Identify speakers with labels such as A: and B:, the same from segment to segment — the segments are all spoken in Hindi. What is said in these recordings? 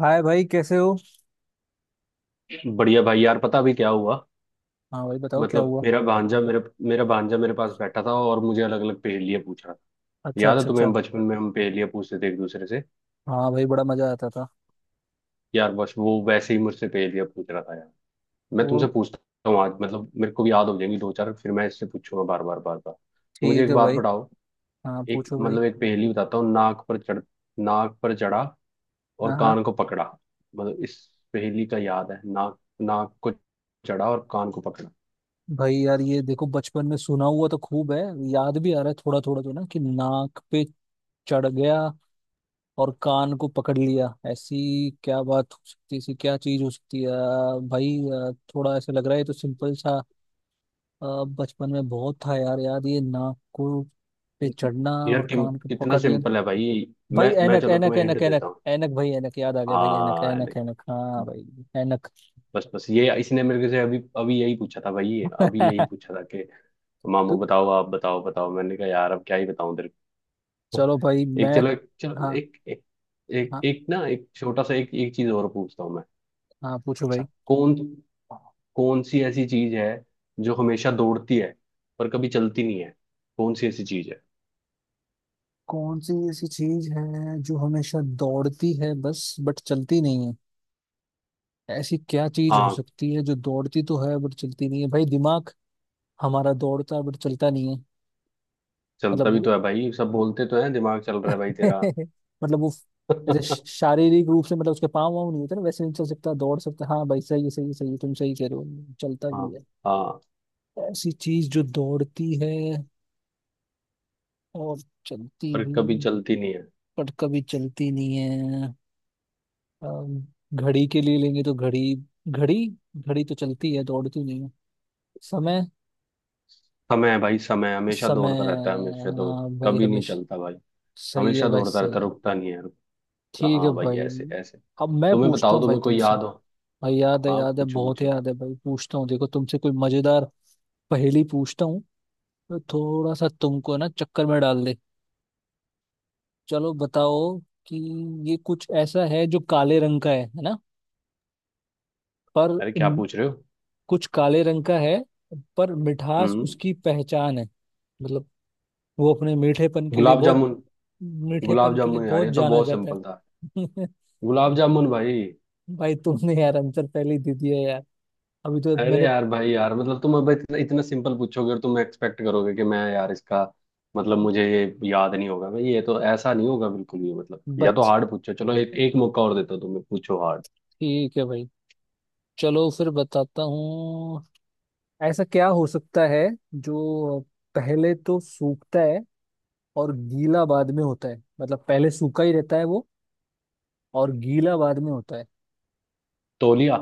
A: हाय भाई, कैसे हो?
B: बढ़िया भाई। यार पता अभी क्या हुआ?
A: हाँ भाई, बताओ क्या
B: मतलब
A: हुआ?
B: मेरा भांजा मेरे पास बैठा था और मुझे अलग अलग पहेलियां पूछ रहा था।
A: अच्छा,
B: याद है
A: अच्छा,
B: तुम्हें
A: अच्छा।
B: बचपन में हम पहेलियां पूछते थे एक दूसरे से?
A: हाँ भाई, बड़ा मजा आता था।
B: यार बस वो वैसे ही मुझसे पहेलियां पूछ रहा था यार। मैं तुमसे
A: और
B: पूछता हूँ आज, मतलब मेरे को भी याद हो जाएंगी दो चार, फिर मैं इससे पूछूंगा बार बार बार बार। तो मुझे
A: ठीक
B: एक
A: है
B: बात
A: भाई।
B: बताओ,
A: हाँ,
B: एक
A: पूछो भाई।
B: मतलब एक पहेली बताता हूँ। नाक पर चढ़ा और
A: हाँ, हाँ।
B: कान को पकड़ा। मतलब इस पहेली का याद है? नाक, नाक को चढ़ा और कान को पकड़ा।
A: भाई यार, ये देखो, बचपन में सुना हुआ तो खूब है। याद भी आ रहा है थोड़ा थोड़ा, तो ना कि नाक पे चढ़ गया और कान को पकड़ लिया। ऐसी क्या बात हो सकती है, ऐसी क्या चीज हो सकती है? भाई, थोड़ा ऐसा लग रहा है, ये तो सिंपल सा। बचपन में बहुत था यार, याद ये नाक को पे चढ़ना
B: यार
A: और
B: कि,
A: कान को
B: कितना
A: पकड़ लेना।
B: सिंपल है भाई।
A: भाई,
B: मैं
A: ऐनक
B: चलो
A: ऐनक
B: तुम्हें
A: ऐनक
B: हिंट देता
A: ऐनक
B: हूँ।
A: ऐनक, भाई ऐनक, याद आ गया भाई, ऐनक
B: हाँ।
A: ऐनक ऐनक, हाँ भाई, ऐनक।
B: बस बस, ये इसने मेरे को से अभी अभी यही पूछा था भाई, अभी यही पूछा था कि
A: तो
B: मामू बताओ, आप बताओ बताओ। मैंने कहा यार अब क्या ही बताऊं तेरे को।
A: चलो भाई,
B: एक
A: मैं।
B: चलो, चलो
A: हाँ
B: एक एक, एक,
A: हाँ।
B: एक ना एक छोटा सा एक एक चीज और पूछता हूँ मैं।
A: हाँ, पूछो भाई।
B: अच्छा, कौन कौन सी ऐसी चीज है जो हमेशा दौड़ती है पर कभी चलती नहीं है? कौन सी ऐसी चीज है?
A: कौन सी ऐसी चीज है जो हमेशा दौड़ती है, बस बट चलती नहीं है? ऐसी क्या चीज हो
B: हाँ,
A: सकती है जो दौड़ती तो है बट चलती नहीं है? भाई, दिमाग हमारा दौड़ता है बट चलता नहीं है।
B: चलता
A: मतलब
B: भी
A: वो
B: तो है भाई, सब बोलते तो हैं दिमाग चल रहा है भाई तेरा।
A: मतलब वो ऐसे।
B: हाँ
A: शारीरिक रूप से मतलब उसके पाँव वाँव नहीं होते ना, वैसे नहीं चल सकता, दौड़ सकता। हाँ भाई, सही है, सही है, सही है, तुम सही कह रहे हो, चलता भी है।
B: हाँ,
A: ऐसी चीज जो दौड़ती है और चलती
B: पर कभी
A: भी,
B: चलती नहीं है।
A: पर कभी चलती नहीं है। अम, घड़ी के लिए लेंगे तो घड़ी। घड़ी। घड़ी तो चलती है, दौड़ती नहीं है। समय।
B: समय है भाई, समय हमेशा
A: समय।
B: दौड़ता रहता है, हमेशा दौड़ता
A: हाँ भाई,
B: कभी नहीं
A: हमेशा।
B: चलता भाई।
A: सही है
B: हमेशा
A: भाई,
B: दौड़ता रहता,
A: सही है।
B: रुकता नहीं है,
A: ठीक है
B: हाँ भाई
A: भाई।
B: ऐसे ऐसे।
A: अब मैं
B: तुम्हें
A: पूछता
B: बताओ,
A: हूँ भाई
B: तुम्हें कोई
A: तुमसे।
B: याद हो?
A: भाई याद है,
B: हाँ
A: याद है,
B: पूछो
A: बहुत
B: पूछो।
A: याद है भाई। पूछता हूँ देखो तुमसे कोई मजेदार पहेली पूछता हूँ, तो थोड़ा सा तुमको ना चक्कर में डाल दे। चलो बताओ कि ये कुछ ऐसा है जो काले रंग का है ना? पर
B: अरे क्या
A: म,
B: पूछ रहे हो?
A: कुछ काले रंग का है, पर मिठास
B: हम्म।
A: उसकी पहचान है। मतलब वो अपने मीठेपन के लिए
B: गुलाब
A: बहुत,
B: जामुन। गुलाब
A: मीठेपन के लिए
B: जामुन यार,
A: बहुत
B: ये तो
A: जाना
B: बहुत
A: जाता
B: सिंपल था।
A: है।
B: गुलाब जामुन भाई।
A: भाई, तुमने यार आंसर पहले ही दे दिया यार। अभी तो
B: अरे
A: मैंने।
B: यार भाई यार, मतलब तुम अब इतना सिंपल पूछोगे और तुम एक्सपेक्ट करोगे कि मैं यार इसका मतलब मुझे ये याद नहीं होगा? भाई ये तो ऐसा नहीं होगा बिल्कुल भी। मतलब या तो
A: बच
B: हार्ड पूछो, चलो एक एक मौका और देता हूं तुम्हें, पूछो हार्ड।
A: ठीक है भाई, चलो फिर बताता हूँ। ऐसा क्या हो सकता है जो पहले तो सूखता है और गीला बाद में होता है? मतलब पहले सूखा ही रहता है वो, और गीला बाद में होता है।
B: तौलिया।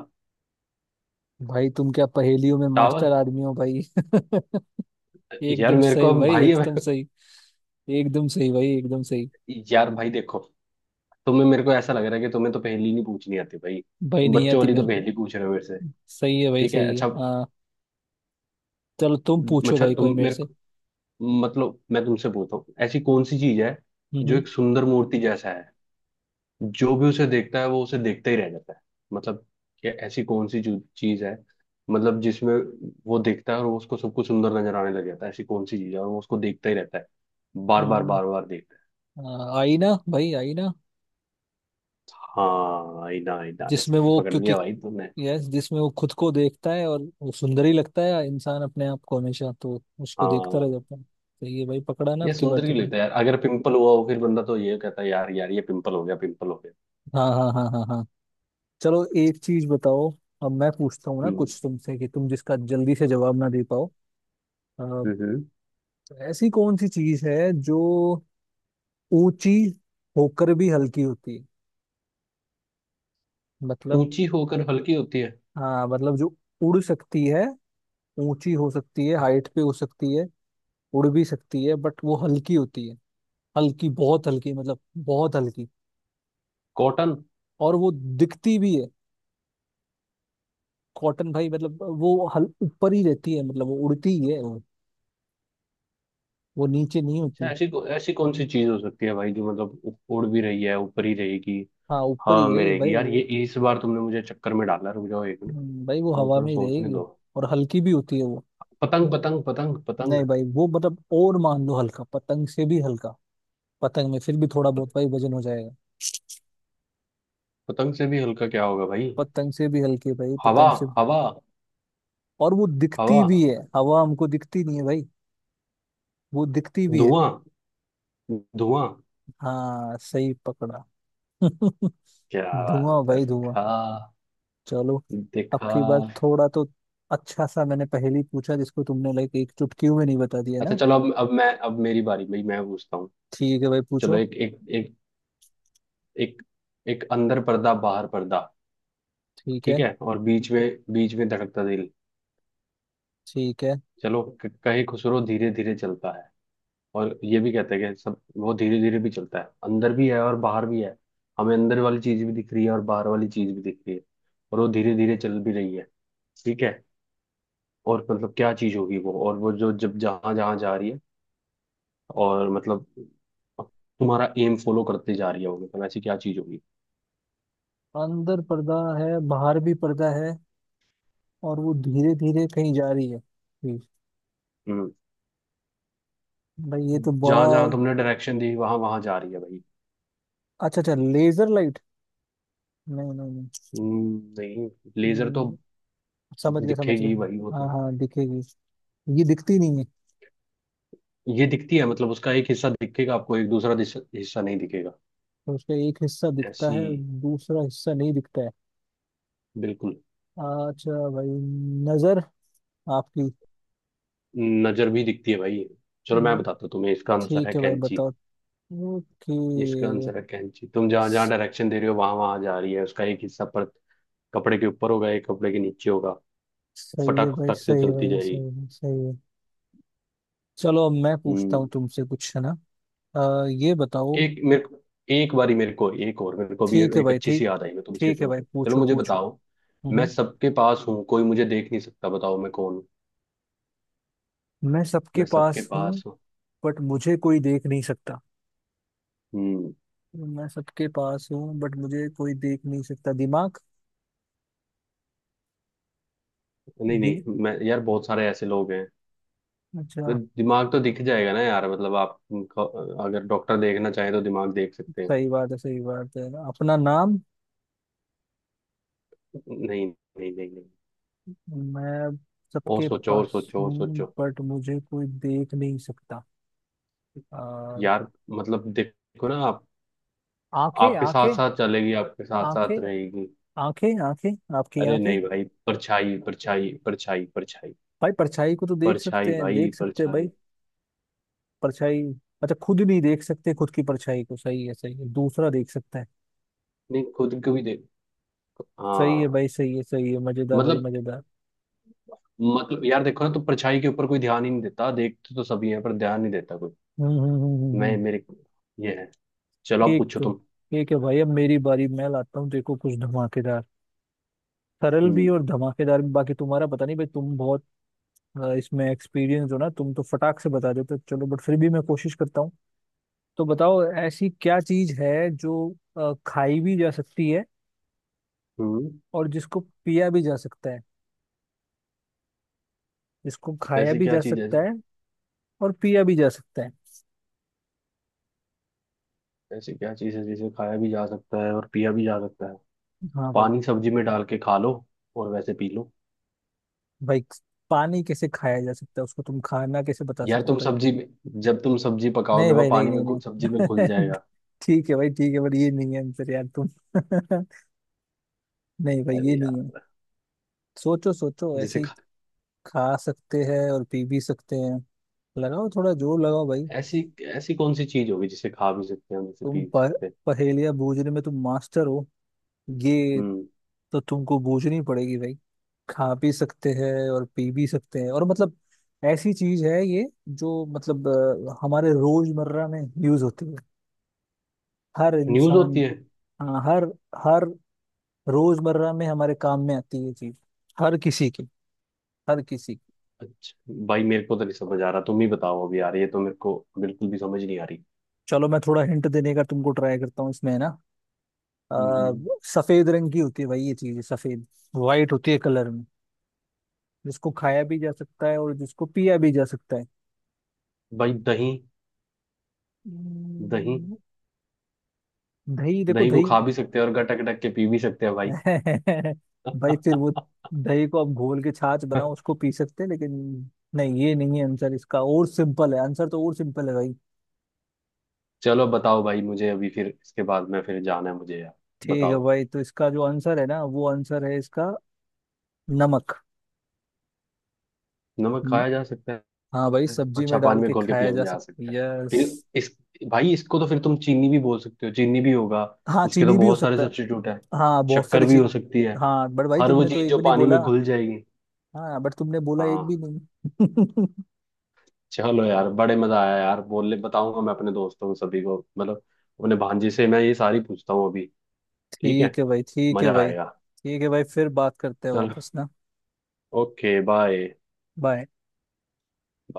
A: भाई, तुम क्या पहेलियों में
B: टावल।
A: मास्टर आदमी हो भाई।
B: यार
A: एकदम
B: मेरे को
A: सही
B: अब
A: भाई,
B: भाई
A: एकदम सही। एकदम सही भाई, एकदम सही।
B: यार भाई देखो, तुम्हें मेरे को ऐसा लग रहा है कि तुम्हें तो पहेली नहीं पूछनी आती भाई,
A: भाई
B: तुम
A: नहीं
B: बच्चों
A: आती
B: वाली तो
A: मेरे को।
B: पहेली पूछ रहे हो मेरे से।
A: सही है भाई,
B: ठीक है।
A: सही है,
B: अच्छा,
A: हाँ। चलो तुम पूछो
B: अच्छा
A: भाई कोई
B: तुम
A: मेरे
B: मेरे
A: से।
B: को, मतलब मैं तुमसे पूछता हूँ, ऐसी कौन सी चीज है जो
A: हम्म।
B: एक सुंदर मूर्ति जैसा है, जो भी उसे देखता है वो उसे देखता ही रह जाता है। मतलब कि ऐसी कौन सी जो चीज है, मतलब जिसमें वो देखता है और वो उसको सब कुछ सुंदर नजर आने लग जाता है? ऐसी कौन सी चीज है और वो उसको देखता ही रहता है, बार बार
A: हम्म।
B: बार बार देखता है।
A: आईना भाई, आईना।
B: हाँ, आईना। आईना
A: जिसमें
B: इसमें
A: वो
B: पकड़
A: क्योंकि,
B: लिया भाई तुमने।
A: यस, जिसमें वो खुद को देखता है और वो सुंदर ही लगता है, इंसान अपने आप को हमेशा, तो उसको देखता रह
B: हाँ।
A: जाता है। सही है भाई, पकड़ा ना
B: ये
A: आपकी बार
B: सुंदर क्यों
A: तुमने।
B: लगता है यार? अगर पिंपल हुआ हो फिर बंदा तो ये कहता है यार यार ये पिंपल हो गया, पिंपल हो गया।
A: हाँ, हाँ, हाँ, हाँ, हाँ। चलो एक चीज बताओ। अब मैं पूछता हूँ ना
B: हम्म।
A: कुछ तुमसे कि तुम जिसका जल्दी से जवाब ना दे पाओ। अ,
B: हम्म। हम्म।
A: ऐसी कौन सी चीज है जो ऊंची होकर भी हल्की होती है? मतलब।
B: ऊंची होकर हल्की होती है?
A: हाँ मतलब जो उड़ सकती है, ऊंची हो सकती है, हाइट पे हो सकती है, उड़ भी सकती है, बट वो हल्की होती है। हल्की, बहुत हल्की, मतलब बहुत हल्की।
B: कॉटन।
A: और वो दिखती भी है। कॉटन भाई? मतलब वो हल ऊपर ही रहती है, मतलब वो उड़ती ही है वो नीचे नहीं
B: अच्छा,
A: होती।
B: ऐसी, ऐसी कौन सी चीज हो सकती है भाई जो मतलब उड़ भी रही है, ऊपर ही रहेगी?
A: हाँ, ऊपर
B: हाँ
A: ही है ये
B: मेरे
A: भाई
B: यार, ये
A: वो।
B: इस बार तुमने मुझे चक्कर में डाला, रुक जाओ एक मिनट।
A: भाई वो
B: मुझे
A: हवा
B: थोड़ा
A: में ही
B: सोचने
A: रहेगी
B: दो।
A: और हल्की भी होती है वो।
B: पतंग, पतंग, पतंग,
A: नहीं
B: पतंग।
A: भाई वो मतलब, और मान लो हल्का, पतंग से भी हल्का, पतंग में फिर भी थोड़ा बहुत भाई वजन हो जाएगा।
B: पतंग से भी हल्का क्या होगा भाई?
A: पतंग से भी हल्की है भाई,
B: हवा।
A: पतंग से।
B: हवा।
A: और वो दिखती
B: हवा।
A: भी है, हवा हमको दिखती नहीं है भाई, वो दिखती भी है।
B: धुआं। धुआं।
A: हाँ, सही पकड़ा।
B: क्या बात
A: धुआं
B: है,
A: भाई, धुआं।
B: दिखा।
A: चलो अब
B: दिखा।
A: की बार थोड़ा तो अच्छा सा मैंने पहेली पूछा, जिसको तुमने लाइक एक चुटकी में नहीं बता दिया
B: अच्छा
A: ना।
B: चलो, अब मैं, अब मेरी बारी भाई, मैं पूछता हूँ।
A: ठीक है भाई,
B: चलो
A: पूछो।
B: एक एक एक एक एक अंदर पर्दा, बाहर पर्दा।
A: ठीक
B: ठीक
A: है।
B: है, और बीच में, बीच में धड़कता दिल।
A: ठीक है।
B: चलो, कहे खुसरो धीरे धीरे चलता है, और ये भी कहते हैं कि सब वो धीरे धीरे भी चलता है। अंदर भी है और बाहर भी है, हमें अंदर वाली चीज भी दिख रही है और बाहर वाली चीज भी दिख रही है, और वो धीरे धीरे चल भी रही है। ठीक है? और मतलब क्या चीज होगी वो, और वो जो जब जहां जहां जा रही है, और मतलब तुम्हारा एम फॉलो करते जा रही है वो। मतलब ऐसी क्या चीज होगी?
A: अंदर पर्दा है, बाहर भी पर्दा है, और वो धीरे धीरे कहीं जा रही है। जी।
B: हम्म,
A: भाई, ये तो बड़ा।
B: जहां जहां तुमने डायरेक्शन दी वहां वहां जा रही है भाई।
A: अच्छा, अच्छा, लेजर लाइट? नहीं, नहीं।
B: नहीं।
A: नहीं,
B: लेजर तो
A: नहीं। समझ गया, समझ गया।
B: दिखेगी भाई, वो
A: हाँ,
B: तो।
A: हाँ दिखेगी। ये दिखती नहीं है।
B: ये दिखती है मतलब, उसका एक हिस्सा दिखेगा आपको, एक दूसरा हिस्सा नहीं दिखेगा।
A: तो उसका एक हिस्सा दिखता
B: ऐसी।
A: है, दूसरा हिस्सा नहीं दिखता है।
B: बिल्कुल।
A: अच्छा भाई, नजर आपकी?
B: नजर भी दिखती है भाई। चलो मैं
A: न-
B: बताता हूँ तुम्हें, इसका आंसर है
A: ठीक है भाई,
B: कैंची।
A: बताओ। ओके।
B: इसका आंसर है कैंची। तुम जहां जहां डायरेक्शन दे रहे हो वहां वहां जा रही है, उसका एक हिस्सा पर कपड़े के ऊपर होगा, एक कपड़े के नीचे होगा।
A: सही है
B: फटाक
A: भाई,
B: फटाक से
A: सही है
B: चलती
A: भाई, सही
B: जाएगी।
A: है, सही है। चलो अब मैं पूछता
B: हम्म।
A: हूँ तुमसे कुछ, है ना? ये बताओ।
B: एक मेरे को एक बारी मेरे को एक और मेरे को भी
A: ठीक है
B: एक
A: भाई,
B: अच्छी सी
A: ठीक।
B: याद आई, मैं तुमसे
A: ठीक
B: एक
A: है
B: और
A: भाई,
B: चलो
A: पूछो
B: मुझे
A: पूछो।
B: बताओ। मैं
A: हम्म।
B: सबके पास हूँ, कोई मुझे देख नहीं सकता, बताओ मैं कौन हूँ?
A: मैं सबके
B: मैं सबके
A: पास हूँ
B: पास हूँ।
A: बट मुझे कोई देख नहीं सकता।
B: हम्म।
A: मैं सबके पास हूँ बट मुझे कोई देख नहीं सकता, दिमाग?
B: नहीं
A: दि...
B: नहीं, मैं यार, बहुत सारे ऐसे लोग हैं
A: अच्छा,
B: तो दिमाग तो दिख जाएगा ना यार, मतलब आप अगर डॉक्टर देखना चाहे तो दिमाग देख सकते हैं।
A: सही बात है, सही बात है, अपना नाम?
B: नहीं नहीं नहीं नहीं।
A: मैं
B: और
A: सबके
B: सोचो, और
A: पास
B: सोचो, और
A: हूँ
B: सोचो।
A: बट मुझे कोई देख नहीं सकता। आ,
B: यार मतलब देखो ना आप,
A: आंखें,
B: आपके साथ
A: आंखें।
B: साथ चलेगी, आपके साथ साथ
A: आंखें,
B: रहेगी।
A: आंखें, आंखें आपकी,
B: अरे
A: आंखें।
B: नहीं भाई, परछाई, परछाई, परछाई, परछाई।
A: भाई परछाई को तो देख
B: परछाई
A: सकते हैं,
B: भाई,
A: देख सकते हैं भाई।
B: परछाई।
A: परछाई। अच्छा, खुद नहीं देख सकते खुद की परछाई को, सही है, सही है, दूसरा देख सकता है।
B: नहीं, खुद को भी देख।
A: सही है
B: हाँ।
A: भाई, सही है, सही है, मजेदार भाई,
B: मतलब,
A: मजेदार।
B: मतलब यार देखो ना, तो परछाई के ऊपर कोई ध्यान ही नहीं देता, देखते तो सभी हैं पर ध्यान नहीं देता कोई।
A: हम्म, हम्म, हम्म,
B: मैं मेरे ये है, चलो आप
A: ठीक।
B: पूछो, तुम।
A: ठीक है भाई, अब मेरी बारी। मैं लाता हूँ देखो कुछ धमाकेदार, सरल भी
B: हम्म।
A: और धमाकेदार भी। बाकी तुम्हारा पता नहीं भाई, तुम बहुत इसमें एक्सपीरियंस हो ना, तुम तो फटाक से बता देते हो। चलो बट फिर भी मैं कोशिश करता हूँ। तो बताओ ऐसी क्या चीज है जो खाई भी जा सकती है,
B: हम्म।
A: और जिसको पिया भी जा सकता है, जिसको खाया
B: ऐसी
A: भी
B: क्या
A: जा
B: चीज
A: सकता है और पिया भी जा सकता है।
B: ऐसी क्या चीज है जिसे खाया भी जा सकता है और पिया भी जा सकता है?
A: हाँ भाई।
B: पानी, सब्जी में डाल के खा लो, और वैसे पी लो।
A: भाई पानी कैसे खाया जा सकता है, उसको तुम खाना कैसे बता
B: यार
A: सकते हो
B: तुम
A: भाई?
B: सब्जी में, जब तुम सब्जी पकाओगे
A: नहीं
B: वह
A: भाई, नहीं,
B: पानी में
A: नहीं,
B: सब्जी में घुल
A: नहीं।
B: जाएगा।
A: ठीक है भाई, ठीक है बट ये नहीं है आंसर यार तुम। नहीं भाई, ये
B: अरे
A: नहीं है।
B: यार,
A: सोचो, सोचो, ऐसे
B: जिसे
A: ही
B: खा
A: खा सकते हैं और पी भी सकते हैं। लगाओ थोड़ा जोर लगाओ भाई।
B: ऐसी, ऐसी कौन सी चीज होगी जिसे खा भी सकते हैं, जिसे
A: तुम
B: पी भी
A: पर
B: सकते हैं?
A: पहेलियां बूझने में तुम मास्टर हो, ये
B: हम्म।
A: तो तुमको बूझनी पड़ेगी भाई। खा भी सकते हैं और पी भी सकते हैं और मतलब ऐसी चीज है ये, जो मतलब हमारे रोजमर्रा में यूज होती है, हर
B: न्यूज होती
A: इंसान।
B: है?
A: हाँ, हर, हर रोजमर्रा में हमारे काम में आती है ये चीज, हर किसी की, हर किसी की।
B: अच्छा भाई मेरे को तो नहीं समझ आ रहा, तुम ही बताओ अभी यार, ये तो मेरे को बिल्कुल भी समझ नहीं आ रही।
A: चलो मैं थोड़ा हिंट देने का तुमको ट्राई करता हूँ इसमें, है ना? अ,
B: हम्म।
A: सफेद रंग की होती है भाई, ये चीज सफेद, वाइट होती है कलर में, जिसको खाया भी जा सकता है और जिसको पिया भी जा सकता है।
B: भाई दही। दही।
A: हम्म, दही? देखो
B: दही को
A: दही।
B: खा भी सकते हैं और गटक गटक के पी भी सकते हैं भाई।
A: भाई फिर वो, दही को आप घोल के छाछ बनाओ उसको पी सकते हैं, लेकिन नहीं, ये नहीं है आंसर इसका, और सिंपल है आंसर, तो और सिंपल है भाई।
B: चलो बताओ भाई, मुझे अभी फिर इसके बाद में फिर जाना है मुझे यार।
A: ठीक है
B: बताओ।
A: भाई, तो इसका जो आंसर है ना, वो आंसर है इसका, नमक।
B: नमक
A: हम्म,
B: खाया जा सकता
A: हाँ भाई,
B: है?
A: सब्जी
B: अच्छा,
A: में
B: पानी
A: डाल
B: में
A: के
B: घोल के
A: खाया
B: पिया भी
A: जा
B: जा
A: सकता है,
B: सकता है।
A: यस।
B: फिर इस भाई इसको तो फिर तुम चीनी भी बोल सकते हो, चीनी भी होगा।
A: हाँ,
B: इसके तो
A: चीनी भी हो
B: बहुत सारे
A: सकता है।
B: सब्स्टिट्यूट है।
A: हाँ, बहुत
B: शक्कर
A: सारी
B: भी
A: चीज।
B: हो सकती है।
A: हाँ बट भाई
B: हर वो
A: तुमने तो
B: चीज
A: एक
B: जो
A: भी नहीं
B: पानी
A: बोला।
B: में घुल जाएगी।
A: हाँ बट तुमने बोला एक
B: हाँ।
A: भी नहीं।
B: चलो यार, बड़े मजा आया यार, बोलने बताऊंगा मैं अपने दोस्तों को सभी को, मतलब अपने भांजे से मैं ये सारी पूछता हूँ अभी। ठीक है।
A: ठीक है भाई, ठीक है
B: मजा
A: भाई,
B: आएगा।
A: ठीक है भाई, फिर बात करते हैं
B: चलो।
A: वापस ना।
B: Okay, bye.
A: बाय।